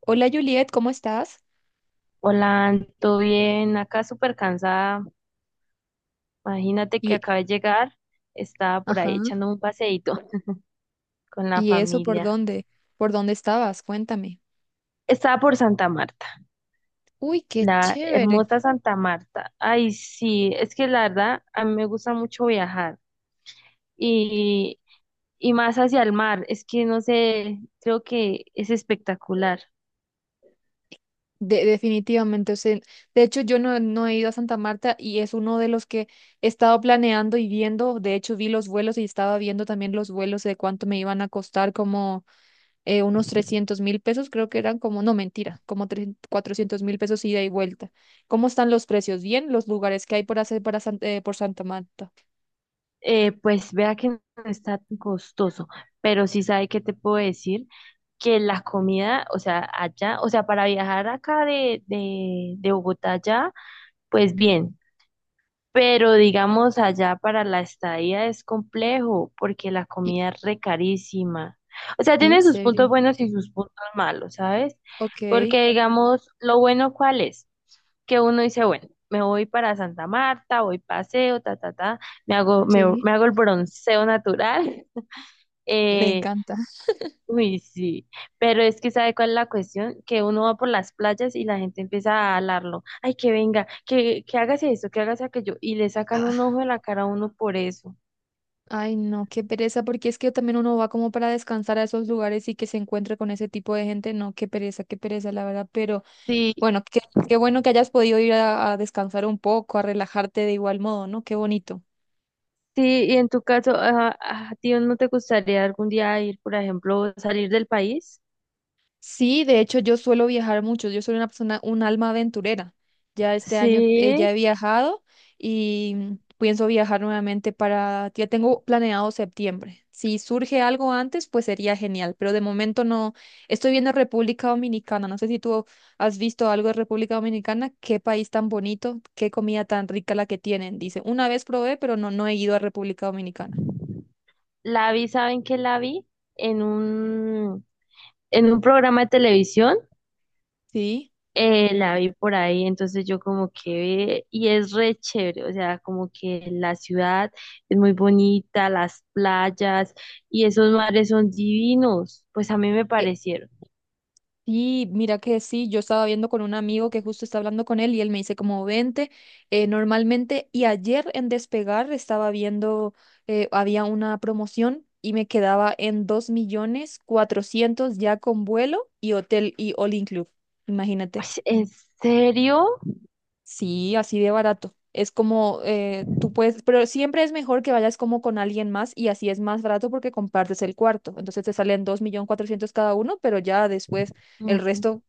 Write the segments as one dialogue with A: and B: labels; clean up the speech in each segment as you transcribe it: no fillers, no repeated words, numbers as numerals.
A: Hola Juliet, ¿cómo estás?
B: Hola, ¿todo bien? Acá súper cansada. Imagínate que
A: Y,
B: acabé de llegar. Estaba por
A: ajá,
B: ahí echando un paseíto con la
A: ¿y eso por
B: familia.
A: dónde? ¿Por dónde estabas? Cuéntame.
B: Estaba por Santa Marta,
A: Uy, qué
B: la
A: chévere.
B: hermosa Santa Marta. Ay, sí, es que la verdad a mí me gusta mucho viajar y, y más hacia el mar. Es que no sé, creo que es espectacular.
A: Definitivamente, o sea, de hecho yo no he ido a Santa Marta y es uno de los que he estado planeando y viendo. De hecho vi los vuelos y estaba viendo también los vuelos de cuánto me iban a costar, como unos 300.000 pesos, creo que eran como, no, mentira, como tres 400.000 pesos ida y vuelta. ¿Cómo están los precios? Bien, los lugares que hay por hacer para por Santa Marta.
B: Pues vea que no está tan costoso, pero sí sabe que te puedo decir que la comida, o sea, allá, o sea, para viajar acá de Bogotá allá, pues bien, pero digamos allá para la estadía es complejo porque la
A: Y,
B: comida es re carísima. O sea,
A: ¿En
B: tiene sus puntos
A: serio?
B: buenos y sus puntos malos, ¿sabes?
A: Ok,
B: Porque digamos, lo bueno cuál es, que uno dice, bueno, me voy para Santa Marta, voy paseo, ta, ta, ta, me hago, me,
A: sí,
B: me hago el bronceo natural.
A: me
B: eh,
A: encanta.
B: Uy, sí, pero es que ¿sabe cuál es la cuestión? Que uno va por las playas y la gente empieza a hablarlo. Ay, que venga, que hágase eso, que hágase aquello. Y le sacan un
A: Ah,
B: ojo de la cara a uno por eso.
A: ay, no, qué pereza, porque es que también uno va como para descansar a esos lugares y que se encuentre con ese tipo de gente. No, qué pereza, la verdad. Pero
B: Sí,
A: bueno, qué bueno que hayas podido ir a descansar un poco, a relajarte de igual modo, ¿no? Qué bonito.
B: sí, y en tu caso, ajá, ¿a ti no te gustaría algún día ir, por ejemplo, salir del país?
A: Sí, de hecho yo suelo viajar mucho, yo soy una persona, un alma aventurera. Ya este año
B: Sí,
A: ya he viajado y pienso viajar nuevamente para, ya tengo planeado septiembre. Si surge algo antes, pues sería genial, pero de momento no. Estoy viendo República Dominicana, no sé si tú has visto algo de República Dominicana, qué país tan bonito, qué comida tan rica la que tienen, dice. Una vez probé, pero no he ido a República Dominicana.
B: la vi, ¿saben qué la vi? En un, en un programa de televisión.
A: Sí.
B: La vi por ahí, entonces yo como que, y es re chévere, o sea, como que la ciudad es muy bonita, las playas y esos mares son divinos, pues a mí me parecieron.
A: Sí, mira que sí, yo estaba viendo con un amigo que justo está hablando con él y él me dice como 20 normalmente y ayer en Despegar estaba viendo, había una promoción y me quedaba en 2.400.000 ya con vuelo y hotel y all inclusive, imagínate.
B: Pues, ¿en serio?
A: Sí, así de barato. Es como tú puedes, pero siempre es mejor que vayas como con alguien más y así es más barato porque compartes el cuarto. Entonces te salen 2.400.000 cada uno, pero ya después el
B: Mm.
A: resto,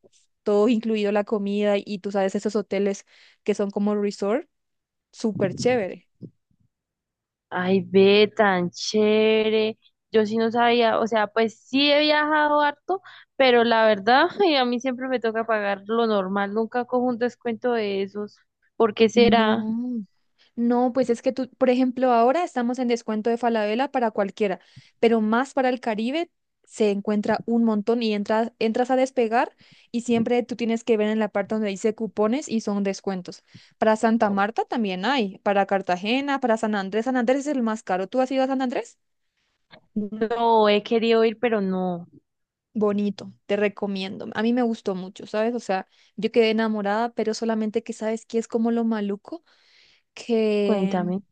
A: todo incluido la comida y tú sabes esos hoteles que son como resort, súper chévere.
B: Ay, ve, tan chévere. Yo sí no sabía, o sea, pues sí he viajado harto, pero la verdad, ay, a mí siempre me toca pagar lo normal, nunca cojo un descuento de esos. ¿Por qué será?
A: No. No, pues es que tú, por ejemplo, ahora estamos en descuento de Falabella para cualquiera, pero más para el Caribe se encuentra un montón y entras a despegar y siempre tú tienes que ver en la parte donde dice cupones y son descuentos. Para Santa Marta también hay, para Cartagena, para San Andrés. San Andrés es el más caro. ¿Tú has ido a San Andrés?
B: No, he querido ir, pero no.
A: Bonito, te recomiendo. A mí me gustó mucho, ¿sabes? O sea, yo quedé enamorada, pero solamente que sabes que es como lo maluco que
B: Cuéntame.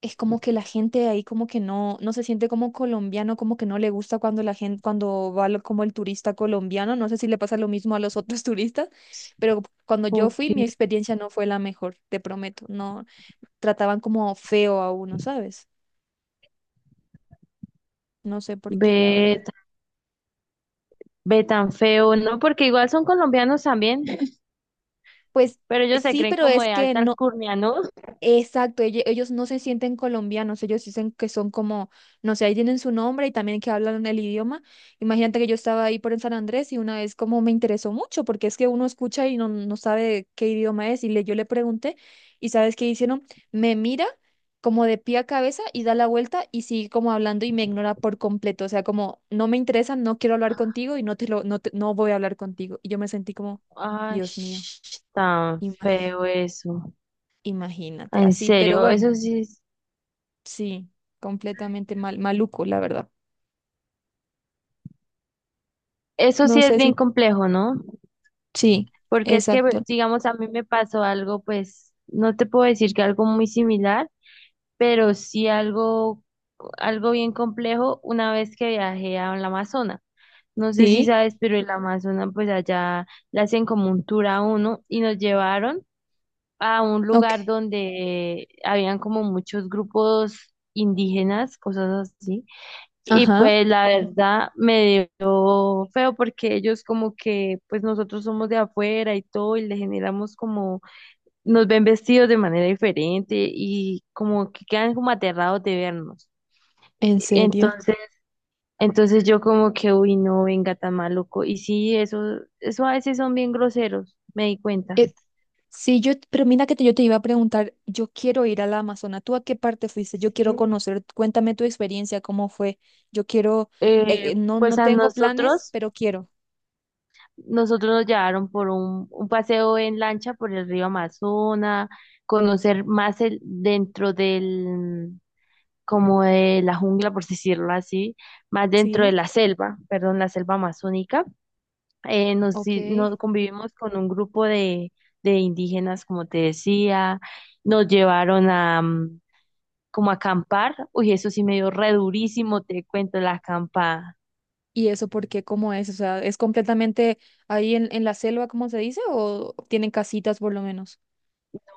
A: es como que la gente de ahí como que no se siente como colombiano, como que no le gusta cuando la gente, cuando va como el turista colombiano, no sé si le pasa lo mismo a los otros turistas, pero cuando yo fui, mi
B: Porque
A: experiencia no fue la mejor, te prometo, no trataban como feo a uno, ¿sabes? No sé por qué, la verdad.
B: ve, ve tan feo, ¿no? Porque igual son colombianos también,
A: Pues
B: pero ellos se
A: sí,
B: creen
A: pero
B: como
A: es
B: de
A: que
B: alta
A: no,
B: alcurnia, ¿no?
A: exacto, ellos no se sienten colombianos, ellos dicen que son como, no sé, ahí tienen su nombre y también que hablan el idioma. Imagínate que yo estaba ahí por en San Andrés y una vez como me interesó mucho, porque es que uno escucha y no sabe qué idioma es, y yo le pregunté, y ¿sabes qué hicieron? Me mira como de pie a cabeza y da la vuelta y sigue como hablando y me ignora por completo, o sea, como no me interesa, no quiero hablar contigo y no te lo, no te- no voy a hablar contigo. Y yo me sentí como,
B: Ay,
A: Dios mío,
B: sh- tan
A: imag-
B: feo eso. Ah,
A: imagínate,
B: en
A: así, pero
B: serio,
A: bueno. Sí, completamente mal, maluco, la verdad.
B: eso
A: No
B: sí es
A: sé.
B: bien
A: Sí.
B: complejo, ¿no?
A: Si, sí,
B: Porque es que,
A: exacto.
B: pues, digamos, a mí me pasó algo, pues, no te puedo decir que algo muy similar, pero sí algo, algo bien complejo una vez que viajé a la Amazonas. No sé si
A: Sí,
B: sabes, pero el Amazonas, pues allá le hacen como un tour a uno y nos llevaron a un lugar
A: ok.
B: donde habían como muchos grupos indígenas, cosas así. Y
A: Ajá,
B: pues la verdad me dio feo porque ellos como que, pues nosotros somos de afuera y todo y le generamos como, nos ven vestidos de manera diferente y como que quedan como aterrados de vernos.
A: en serio.
B: Entonces entonces yo como que, uy, no, venga, tan maluco. Y sí, eso a veces son bien groseros, me di cuenta.
A: Eh, sí, yo, pero mira que yo te iba a preguntar, yo quiero ir a la Amazona. ¿Tú a qué parte fuiste? Yo quiero
B: Sí.
A: conocer, cuéntame tu experiencia, cómo fue. Yo quiero,
B: Eh,
A: no
B: pues a
A: tengo planes,
B: nosotros,
A: pero quiero.
B: nosotros nos llevaron por un paseo en lancha por el río Amazonas, conocer más el, dentro del, como de la jungla, por decirlo así, más dentro de
A: Sí,
B: la selva, perdón, la selva amazónica. Nos,
A: ok.
B: di- nos convivimos con un grupo de indígenas, como te decía, nos llevaron a como a acampar, uy, eso sí me dio re durísimo, te cuento la acampada.
A: ¿Y eso por qué? ¿Cómo es? O sea, ¿es completamente ahí en la selva, como se dice? ¿O tienen casitas por lo menos?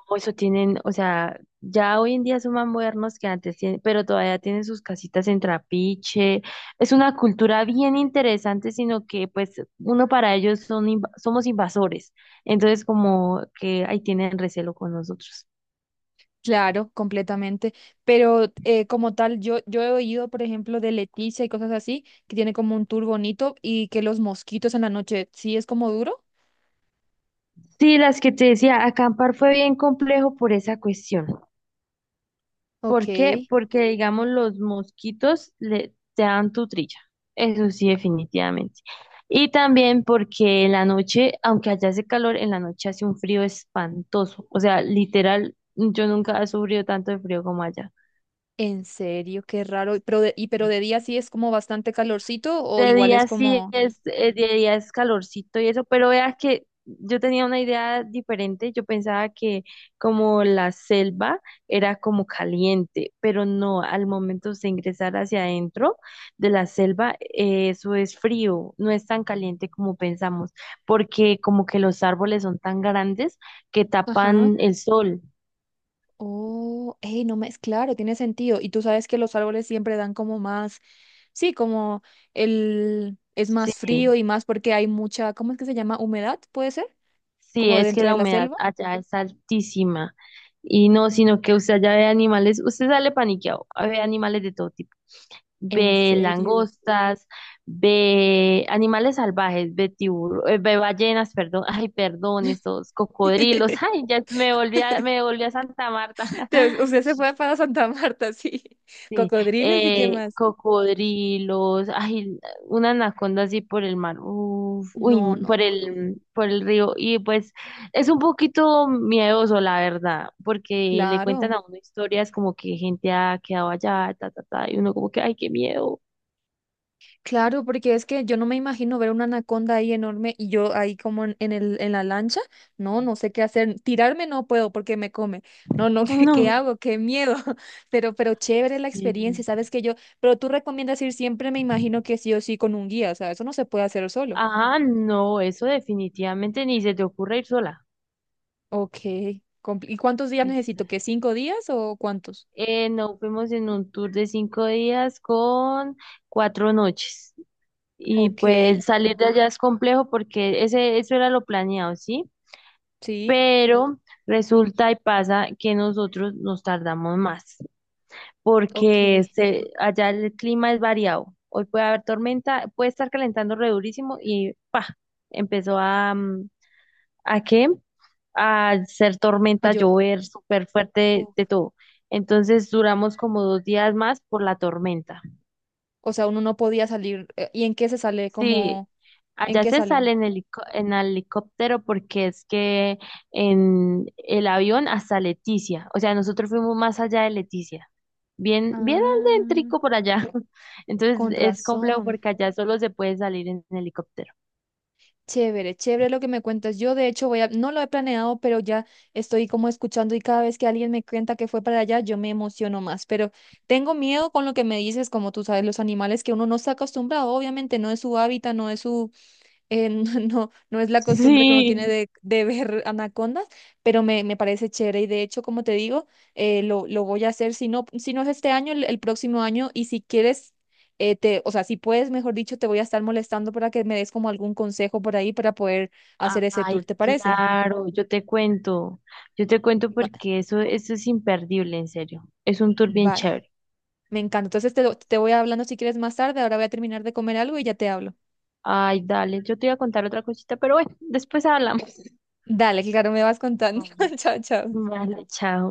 B: O eso tienen, o sea, ya hoy en día son más modernos que antes, tienen- pero todavía tienen sus casitas en trapiche. Es una cultura bien interesante, sino que pues uno para ellos son inv- somos invasores. Entonces como que ahí tienen recelo con nosotros.
A: Claro, completamente. Pero como tal, yo he oído, por ejemplo, de Leticia y cosas así, que tiene como un tour bonito y que los mosquitos en la noche sí es como duro.
B: Sí, las que te decía, acampar fue bien complejo por esa cuestión.
A: Ok,
B: ¿Por qué? Porque, digamos, los mosquitos le, te dan tu trilla. Eso sí, definitivamente. Y también porque en la noche, aunque allá hace calor, en la noche hace un frío espantoso. O sea, literal, yo nunca he sufrido tanto de frío como allá.
A: en serio, qué raro. De día sí es como bastante calorcito o
B: De
A: igual es
B: día sí
A: como...
B: es, de día es calorcito y eso, pero vea que yo tenía una idea diferente, yo pensaba que como la selva era como caliente, pero no, al momento de ingresar hacia adentro de la selva, eso es frío, no es tan caliente como pensamos, porque como que los árboles son tan grandes que
A: Ajá.
B: tapan el sol.
A: Oh, hey, no me es claro, tiene sentido. Y tú sabes que los árboles siempre dan como más, sí, como el es
B: Sí.
A: más frío y más porque hay mucha, ¿cómo es que se llama? Humedad, ¿puede ser?
B: Sí,
A: Como
B: es que
A: dentro
B: la
A: de la
B: humedad
A: selva.
B: allá es altísima. Y no, sino que usted allá ve animales, usted sale paniqueado, ve animales de todo tipo.
A: ¿En
B: Ve
A: serio?
B: langostas, ve animales salvajes, ve tiburones, ve ballenas, perdón, ay, perdón, estos cocodrilos. Ay, ya me volví a Santa Marta.
A: Usted se fue para Santa Marta, sí.
B: Sí,
A: Cocodriles y qué más.
B: cocodrilos, ay, una anaconda así por el mar, uf, uy,
A: No, no,
B: por
A: no, no.
B: el, por el río, y pues es un poquito miedoso, la verdad, porque le cuentan
A: Claro,
B: a uno historias como que gente ha quedado allá, ta, ta, ta, y uno como que, ay, qué miedo,
A: claro, porque es que yo no me imagino ver una anaconda ahí enorme y yo ahí como en la lancha. No, no sé qué hacer. Tirarme no puedo porque me come. No, no, ¿Qué
B: no,
A: hago? Qué miedo. Pero chévere la experiencia,
B: sí,
A: ¿sabes que yo? Pero tú recomiendas ir siempre, me imagino que sí o sí con un guía, o sea, eso no se puede hacer solo.
B: ah no, eso definitivamente ni se te ocurre ir sola.
A: Ok. ¿Y cuántos días necesito? ¿Que
B: Exacto.
A: 5 días o cuántos?
B: No, fuimos en un tour de 5 días con 4 noches. Y
A: Ok.
B: pues salir de allá es complejo porque ese, eso era lo planeado, ¿sí?
A: Sí,
B: Pero resulta y pasa que nosotros nos tardamos más
A: ok.
B: porque se- allá el clima es variado. Hoy puede haber tormenta, puede estar calentando re durísimo y pa, empezó a, ¿a qué? A ser
A: Ah,
B: tormenta,
A: yo,
B: llover súper fuerte
A: uf,
B: de todo. Entonces duramos como 2 días más por la tormenta.
A: o sea, uno no podía salir. ¿Y en qué se sale?
B: Sí,
A: Como, ¿en
B: allá
A: qué
B: se
A: salen?
B: sale en helicóptero porque es que en el avión hasta Leticia, o sea, nosotros fuimos más allá de Leticia, bien, bien
A: Ah,
B: adéntrico por allá. Entonces
A: con
B: es complejo
A: razón.
B: porque allá solo se puede salir en helicóptero.
A: Chévere, chévere lo que me cuentas. Yo, de hecho, voy a, no lo he planeado, pero ya estoy como escuchando y cada vez que alguien me cuenta que fue para allá, yo me emociono más. Pero tengo miedo con lo que me dices, como tú sabes, los animales que uno no está acostumbrado, obviamente no es su hábitat, no es su no, no, no es la costumbre que uno tiene
B: Sí.
A: de ver anacondas, pero me parece chévere y de hecho, como te digo, lo voy a hacer, si no es este año, el próximo año y si quieres, te, o sea, si puedes, mejor dicho, te voy a estar molestando para que me des como algún consejo por ahí para poder hacer ese tour,
B: Ay,
A: ¿te parece?
B: claro, yo te cuento
A: Va-
B: porque eso es imperdible, en serio, es un tour bien
A: Vale,
B: chévere.
A: me encanta. Entonces te voy hablando si quieres más tarde, ahora voy a terminar de comer algo y ya te hablo.
B: Ay, dale, yo te iba a contar otra cosita, pero bueno, después hablamos.
A: Dale, claro, me vas contando.
B: Vale,
A: Chao, chao.
B: vale, chao.